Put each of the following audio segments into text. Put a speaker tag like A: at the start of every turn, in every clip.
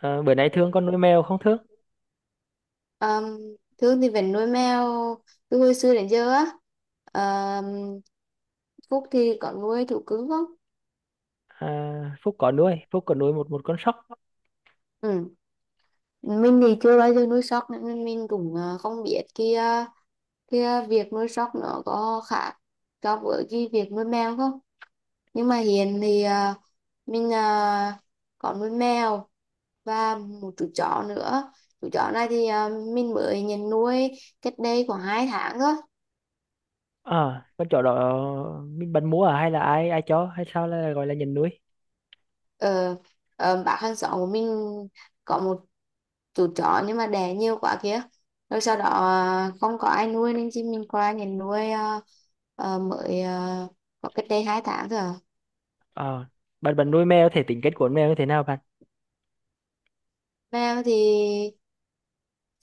A: Ờ, Bữa nay Thương con nuôi mèo không Thương?
B: Um, Thương thì vẫn nuôi mèo từ hồi xưa đến giờ á. Ờm, Phúc thì có nuôi thú cưng không?
A: À, Phúc có nuôi một một con sóc.
B: Ừ. Mình thì chưa bao giờ nuôi sóc nên mình cũng không biết kia kia việc nuôi sóc nó có khác so với cái việc nuôi mèo không? Nhưng mà hiện thì mình có nuôi mèo và một chú chó nữa. Chú chó này thì mình mới nhận nuôi cách đây khoảng 2 tháng thôi.
A: À, con chó đó mình bạn mua à hay là ai ai cho hay sao là gọi là nhận nuôi?
B: ờ, bác hàng xóm của mình có một chú chó nhưng mà đẻ nhiều quá kia, rồi sau đó không có ai nuôi nên chị mình qua nhà nuôi, mới có cách đây 2 tháng thôi à.
A: Ờ, bạn bạn nuôi mèo thể tính kết của con mèo như thế nào bạn?
B: Mèo thì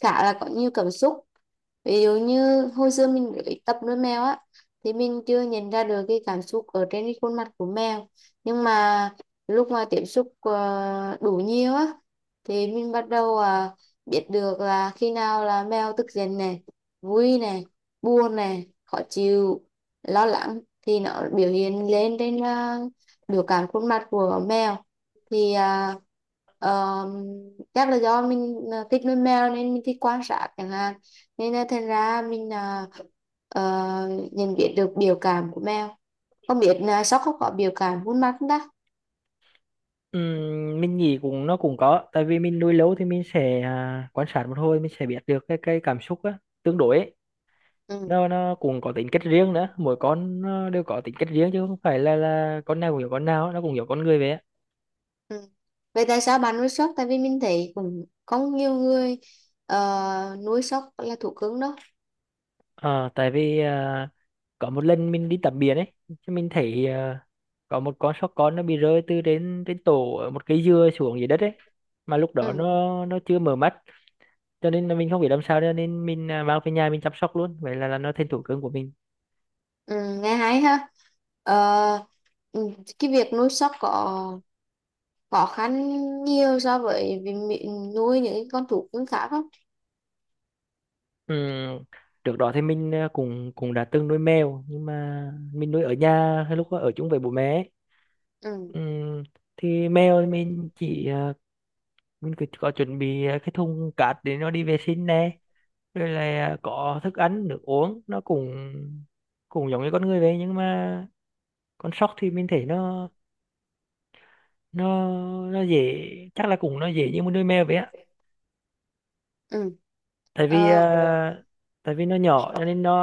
B: khá là có nhiều cảm xúc. Ví dụ như hồi xưa mình mới tập nuôi mèo á thì mình chưa nhận ra được cái cảm xúc ở trên cái khuôn mặt của mèo. Nhưng mà lúc mà tiếp xúc đủ nhiều á thì mình bắt đầu biết được là khi nào là mèo tức giận này, vui này, buồn này, khó chịu, lo lắng thì nó biểu hiện lên trên biểu cảm khuôn mặt của mèo. Thì ờm, chắc là do mình thích nuôi mèo nên mình thích quan sát chẳng hạn, nên là thành ra mình ờ, nhận biết được biểu cảm của mèo. Không biết là sóc không có biểu cảm khuôn mặt không ta.
A: Mình nghĩ cũng nó cũng có, tại vì mình nuôi lâu thì mình sẽ quan sát một hồi mình sẽ biết được cái cảm xúc á, tương đối ấy.
B: Ừ.
A: Nó cũng có tính cách riêng nữa, mỗi con nó đều có tính cách riêng chứ không phải là con nào cũng hiểu con nào, nó cũng hiểu con người vậy á.
B: Ừ. Vậy tại sao bạn nuôi sóc? Tại vì mình thấy cũng có nhiều người nuôi sóc là thú cưng đó.
A: Ờ, tại vì có một lần mình đi tắm biển ấy, chứ mình thấy có một con sóc con nó bị rơi từ trên trên tổ ở một cây dừa xuống dưới đất ấy, mà lúc đó
B: Ừ.
A: nó chưa mở mắt, cho nên là mình không biết làm sao cho nên mình mang về nhà mình chăm sóc luôn, vậy là nó thành thú cưng của mình.
B: Ừ, nghe hay ha. Ờ, ừ, cái việc nuôi sóc có khó khăn nhiều so với việc nuôi những cái con thú cưng khác không?
A: Ừm, Trước đó thì mình cũng cũng đã từng nuôi mèo, nhưng mà mình nuôi ở nhà hay lúc ở chung với bố mẹ ấy.
B: Ừ.
A: Ừm, thì mèo thì mình chỉ mình cứ có chuẩn bị cái thùng cát để nó đi vệ sinh nè, rồi là có thức ăn nước uống nó cũng cũng giống như con người vậy, nhưng mà con sóc thì mình thấy nó nó dễ, chắc là cũng nó dễ như một đôi mèo vậy á,
B: Ừ.
A: tại vì
B: Ờ,
A: tại vì nó nhỏ cho nên nó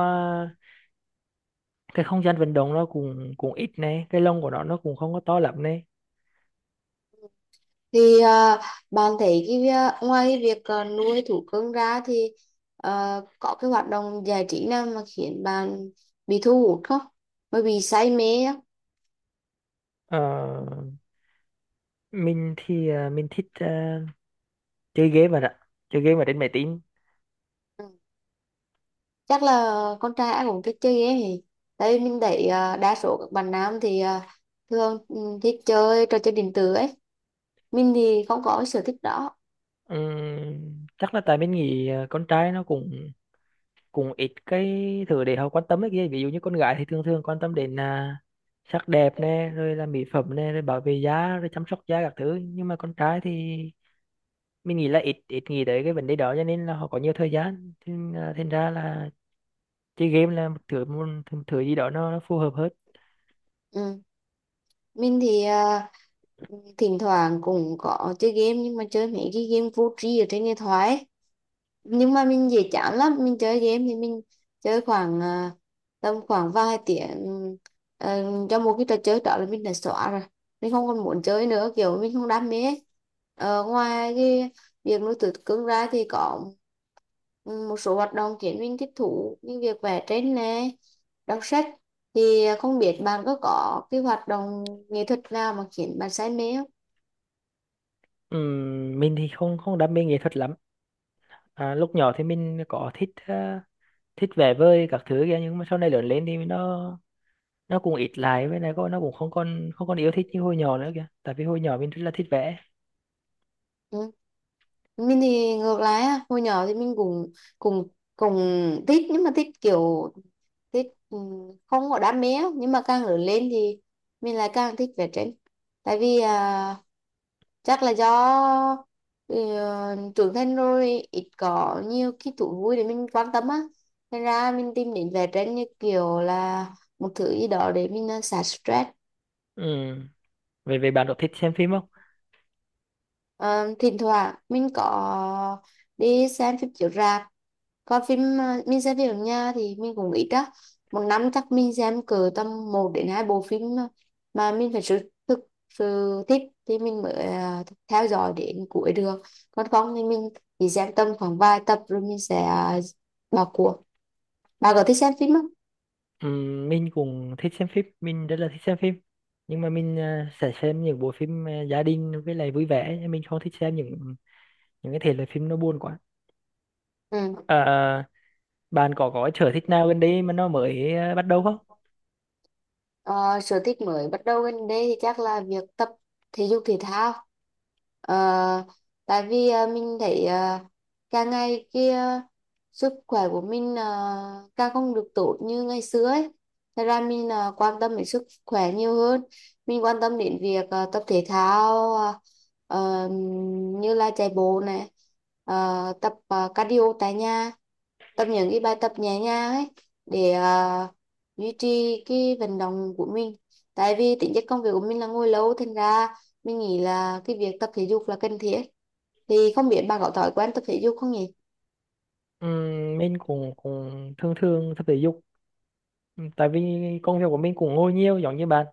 A: cái không gian vận động nó cũng cũng ít này, cái lông của nó cũng không có to lắm này.
B: thì bạn thấy cái ngoài cái việc nuôi thú cưng ra thì có cái hoạt động giải trí nào mà khiến bạn bị thu hút không? Mới bị say mê á?
A: Ờ, mình thì mình thích chơi game mà ạ, chơi game ở trên máy tính.
B: Ừ. Chắc là con trai ai cũng thích chơi game. Thì tại vì mình thấy đa số các bạn nam thì thường thích chơi trò chơi điện tử ấy. Mình thì không có cái sở thích đó.
A: Chắc là tại mình nghĩ con trai nó cũng cũng ít cái thứ để họ quan tâm ấy kia, ví dụ như con gái thì thường thường quan tâm đến sắc đẹp nè rồi là mỹ phẩm nè rồi bảo vệ da rồi chăm sóc da các thứ, nhưng mà con trai thì mình nghĩ là ít ít nghĩ tới cái vấn đề đó, cho nên là họ có nhiều thời gian thì, à, thành ra là chơi game là một thứ gì đó nó phù hợp hơn.
B: Ừ. Mình thì thỉnh thoảng cũng có chơi game, nhưng mà chơi mấy cái game vô tri ở trên điện thoại. Nhưng mà mình dễ chán lắm. Mình chơi game thì mình chơi khoảng tầm khoảng vài tiếng ờ, cho một cái trò chơi đó là mình đã xóa rồi, mình không còn muốn chơi nữa, kiểu mình không đam mê ấy. Ngoài cái việc nuôi thú cưng ra thì có ừ, một số hoạt động khiến mình thích thú như việc vẽ tranh nè, đọc sách. Thì không biết bạn có cái hoạt động nghệ thuật nào mà khiến bạn say mê không?
A: Mình thì không không đam mê nghệ thuật lắm, à, lúc nhỏ thì mình có thích thích vẽ vời các thứ kia, nhưng mà sau này lớn lên thì nó cũng ít lại với này, có nó cũng không còn yêu thích như hồi nhỏ nữa kìa, tại vì hồi nhỏ mình rất là thích vẽ.
B: Ừ. Mình thì ngược lại á, hồi nhỏ thì mình cũng cùng cùng thích, nhưng mà thích kiểu thích không có đam mê á. Nhưng mà càng lớn lên thì mình lại càng thích vẽ tranh. Tại vì chắc là do trưởng thành rồi ít có nhiều cái thú vui để mình quan tâm á nên ra mình tìm đến vẽ tranh như kiểu là một thứ gì đó để mình xả stress.
A: Ừ. Về về bạn có thích xem phim không?
B: Ờ, Thỉnh thoảng mình có đi xem phim chiếu rạp. Còn phim mình xem phim ở nhà thì mình cũng ít á. Một năm chắc mình xem cỡ tầm một đến 2 bộ phim, mà mình phải sự thực sự thích thì mình mới theo dõi đến cuối được. Còn không thì mình chỉ xem tầm khoảng vài tập rồi mình sẽ bỏ cuộc. Bà có thích xem phim không?
A: Ừ, mình cũng thích xem phim, mình rất là thích xem phim, nhưng mà mình sẽ xem những bộ phim gia đình với lại vui vẻ, nhưng mình không thích xem những cái thể loại phim nó buồn quá.
B: Ừ.
A: Ờ, bạn có sở thích nào gần đây mà nó mới bắt đầu không?
B: Ờ, Sở thích mới bắt đầu gần đây thì chắc là việc tập thể dục thể thao. Ờ, Tại vì mình thấy càng ngày kia sức khỏe của mình càng không được tốt như ngày xưa ấy. Thật ra mình quan tâm đến sức khỏe nhiều hơn. Mình quan tâm đến việc tập thể thao, ờ, như là chạy bộ này, tập cardio tại nhà, tập những cái bài tập nhẹ nhàng ấy để duy trì cái vận động của mình. Tại vì tính chất công việc của mình là ngồi lâu thành ra mình nghĩ là cái việc tập thể dục là cần thiết. Thì không biết bạn có thói quen tập thể dục không nhỉ?
A: Ừ, mình cũng cũng thường thường tập thể dục. Ừ, tại vì công việc của mình cũng ngồi nhiều giống như bạn,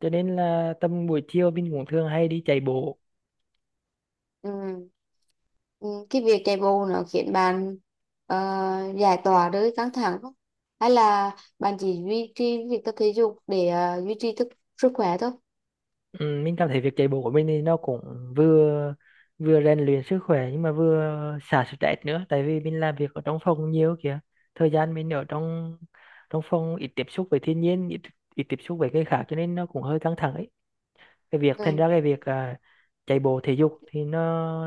A: cho nên là tầm buổi chiều mình cũng thường hay đi chạy bộ.
B: Ừ. Ừ, cái việc chạy bộ nó khiến bạn ờ, giải tỏa đôi căng thẳng không, hay là bạn chỉ duy trì việc tập thể dục để duy trì sức khỏe thôi?
A: Ừ, mình cảm thấy việc chạy bộ của mình thì nó cũng vừa vừa rèn luyện sức khỏe nhưng mà vừa xả stress nữa, tại vì mình làm việc ở trong phòng nhiều kìa, thời gian mình ở trong trong phòng ít tiếp xúc với thiên nhiên, ít, ít tiếp xúc với người khác cho nên nó cũng hơi căng thẳng ấy, cái việc thành ra
B: Ừ.
A: cái việc chạy bộ thể dục thì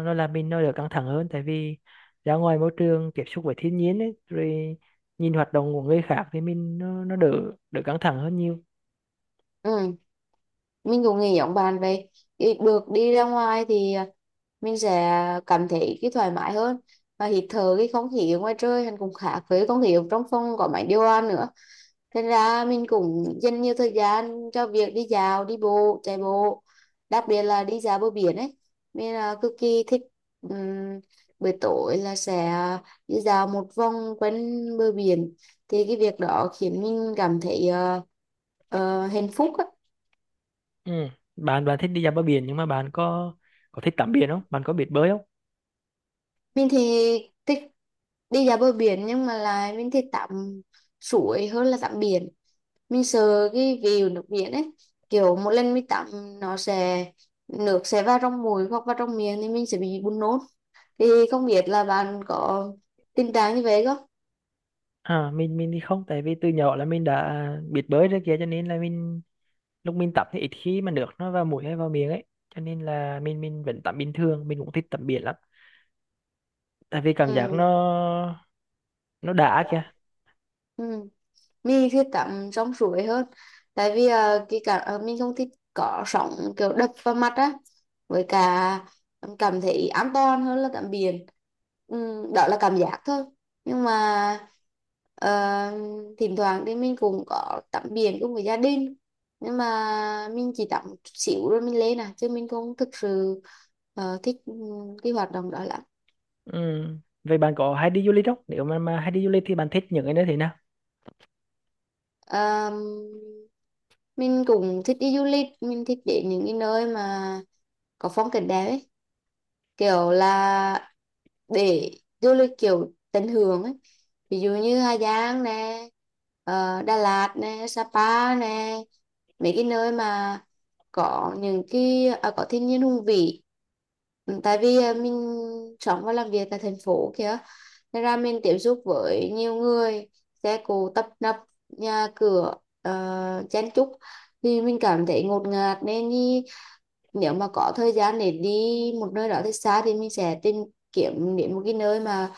A: nó làm mình nó đỡ căng thẳng hơn, tại vì ra ngoài môi trường tiếp xúc với thiên nhiên ấy rồi nhìn hoạt động của người khác thì mình nó đỡ đỡ căng thẳng hơn nhiều.
B: Ừ. Mình cũng nghĩ giống bạn vậy. Thì được đi ra ngoài thì mình sẽ cảm thấy cái thoải mái hơn và hít thở cái không khí ở ngoài trời hắn cũng khác với không khí ở trong phòng có máy điều hòa nữa. Thế ra mình cũng dành nhiều thời gian cho việc đi dạo, đi bộ, chạy bộ, đặc biệt là đi dạo bờ biển ấy. Mình là cực kỳ thích, ừm, buổi tối là sẽ đi dạo một vòng quanh bờ biển. Thì cái việc đó khiến mình cảm thấy hạnh phúc á.
A: Ừ. bạn bạn thích đi dạo bờ biển, nhưng mà bạn có thích tắm biển không, bạn có biết bơi không?
B: Mình thì thích đi dạo bờ biển, nhưng mà là mình thích tắm suối hơn là tắm biển. Mình sợ cái view nước biển ấy, kiểu một lần mình tắm nó sẽ, nước sẽ vào trong mũi hoặc vào trong miệng thì mình sẽ bị buồn nôn. Thì không biết là bạn có tình trạng như vậy không?
A: À mình thì không, tại vì từ nhỏ là mình đã biết bơi rồi kia, cho nên là mình lúc mình tắm thì ít khi mà nước nó vào mũi hay vào miệng ấy, cho nên là mình vẫn tắm bình thường, mình cũng thích tắm biển lắm, tại vì cảm giác
B: Ừ.
A: nó đã kìa.
B: Ừ. Mình thích tắm trong suối hơn. Tại vì cái cả mình không thích có sóng kiểu đập vào mặt á, với cả cảm thấy an toàn hơn là tắm biển. Đó là cảm giác thôi. Nhưng mà ờ, thỉnh thoảng thì mình cũng có tắm biển cùng với gia đình, nhưng mà mình chỉ tắm chút xíu rồi mình lên à, chứ mình không thực sự thích cái hoạt động đó lắm.
A: Ừ. Vậy bạn có hay đi du lịch không, nếu mà hay đi du lịch thì bạn thích những cái nơi thế nào?
B: Ờ, mình cũng thích đi du lịch. Mình thích đến những cái nơi mà có phong cảnh đẹp ấy, kiểu là để du lịch kiểu tận hưởng ấy. Ví dụ như Hà Giang nè, Đà Lạt nè, Sapa nè, mấy cái nơi mà có những cái có thiên nhiên hùng vĩ. Ừ, tại vì mình sống và làm việc tại thành phố kia nên ra mình tiếp xúc với nhiều người, xe cộ tấp nập, nhà cửa chen chúc, thì mình cảm thấy ngột ngạt nên đi, nếu mà có thời gian để đi một nơi đó thật xa thì mình sẽ tìm kiếm đến một cái nơi mà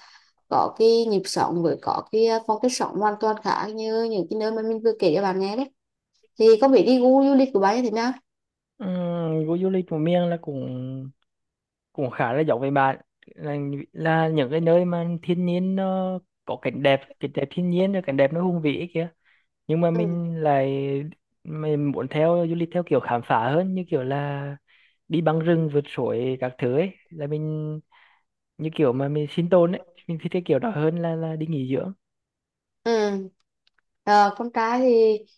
B: có cái nhịp sống với có cái phong cách sống hoàn toàn khác như những cái nơi mà mình vừa kể cho bạn nghe đấy. Thì không biết đi gu du lịch của bạn như thế nào?
A: Ừ. Du lịch của miền là cũng cũng khá là giống với bạn, là, là những cái nơi mà thiên nhiên nó có cảnh đẹp, cảnh đẹp thiên nhiên rồi cảnh đẹp nó hùng vĩ ấy kìa, nhưng mà
B: Ừ.
A: mình lại mình muốn theo du lịch theo kiểu khám phá hơn, như kiểu là đi băng rừng vượt suối các thứ ấy, là mình như kiểu mà mình sinh tồn ấy, mình thích cái kiểu đó hơn là đi nghỉ dưỡng.
B: Ừ. Ờ, con trai thì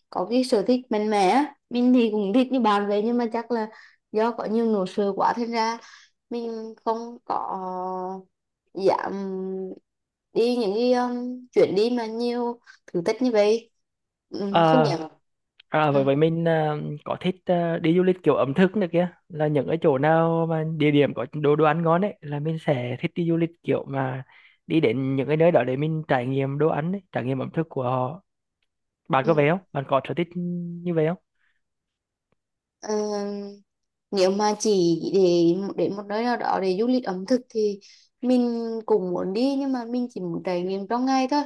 B: có cái sở thích mạnh mẽ á. Mình thì cũng thích như bạn vậy, nhưng mà chắc là do có nhiều nỗi sợ quá thành ra mình không có dám đi những cái chuyến đi mà nhiều thử thách như vậy.
A: À,
B: Không dám.
A: À, vậy
B: Ừ.
A: vậy mình có thích đi du lịch kiểu ẩm thực nữa kia, là những cái chỗ nào mà địa điểm có đồ đồ ăn ngon ấy, là mình sẽ thích đi du lịch kiểu mà đi đến những cái nơi đó để mình trải nghiệm đồ ăn ấy, trải nghiệm ẩm thực của họ. Bạn
B: Ừ.
A: có vậy không, bạn có sở thích như vậy không?
B: Ờ, Nếu mà chỉ để đến một nơi nào đó để du lịch ẩm thực thì mình cũng muốn đi, nhưng mà mình chỉ muốn trải nghiệm trong ngày thôi.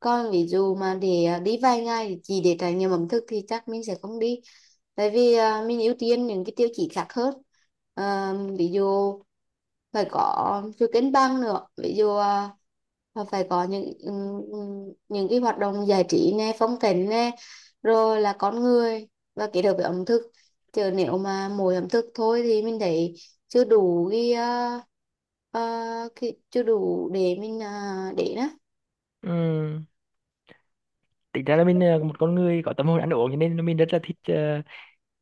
B: Còn ví dụ mà để đi vài ngày để chỉ để trải nghiệm ẩm thực thì chắc mình sẽ không đi, tại vì mình ưu tiên những cái tiêu chí khác hơn. Ví dụ phải có sự cân băng nữa, ví dụ là phải có những cái hoạt động giải trí nè, phong cảnh nè, rồi là con người, và kết hợp với ẩm thực. Chứ nếu mà mỗi ẩm thực thôi thì mình thấy chưa đủ cái, à, cái chưa đủ để mình để đó.
A: Ừm, Tính ra là mình một con người có tâm hồn ăn uống, cho nên mình rất là thích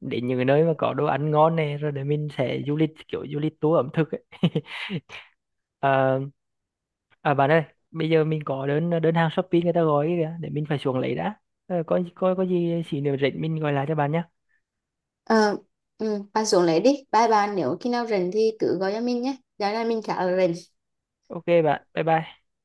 A: đến những cái nơi mà có đồ ăn ngon này, rồi để mình sẽ du lịch kiểu du lịch tour ẩm thực ấy. Ờ, À bạn ơi, bây giờ mình có đơn đơn hàng Shopee người ta gọi kìa, để mình phải xuống lấy đã. Ờ, có có gì xí nữa rảnh mình gọi lại cho bạn nhé.
B: Ờ, ừ, ba xuống lấy đi bye bạn. Nếu khi nào rảnh thì cứ gọi cho mình nhé, giờ này mình trả rảnh.
A: Ok bạn, bye bye.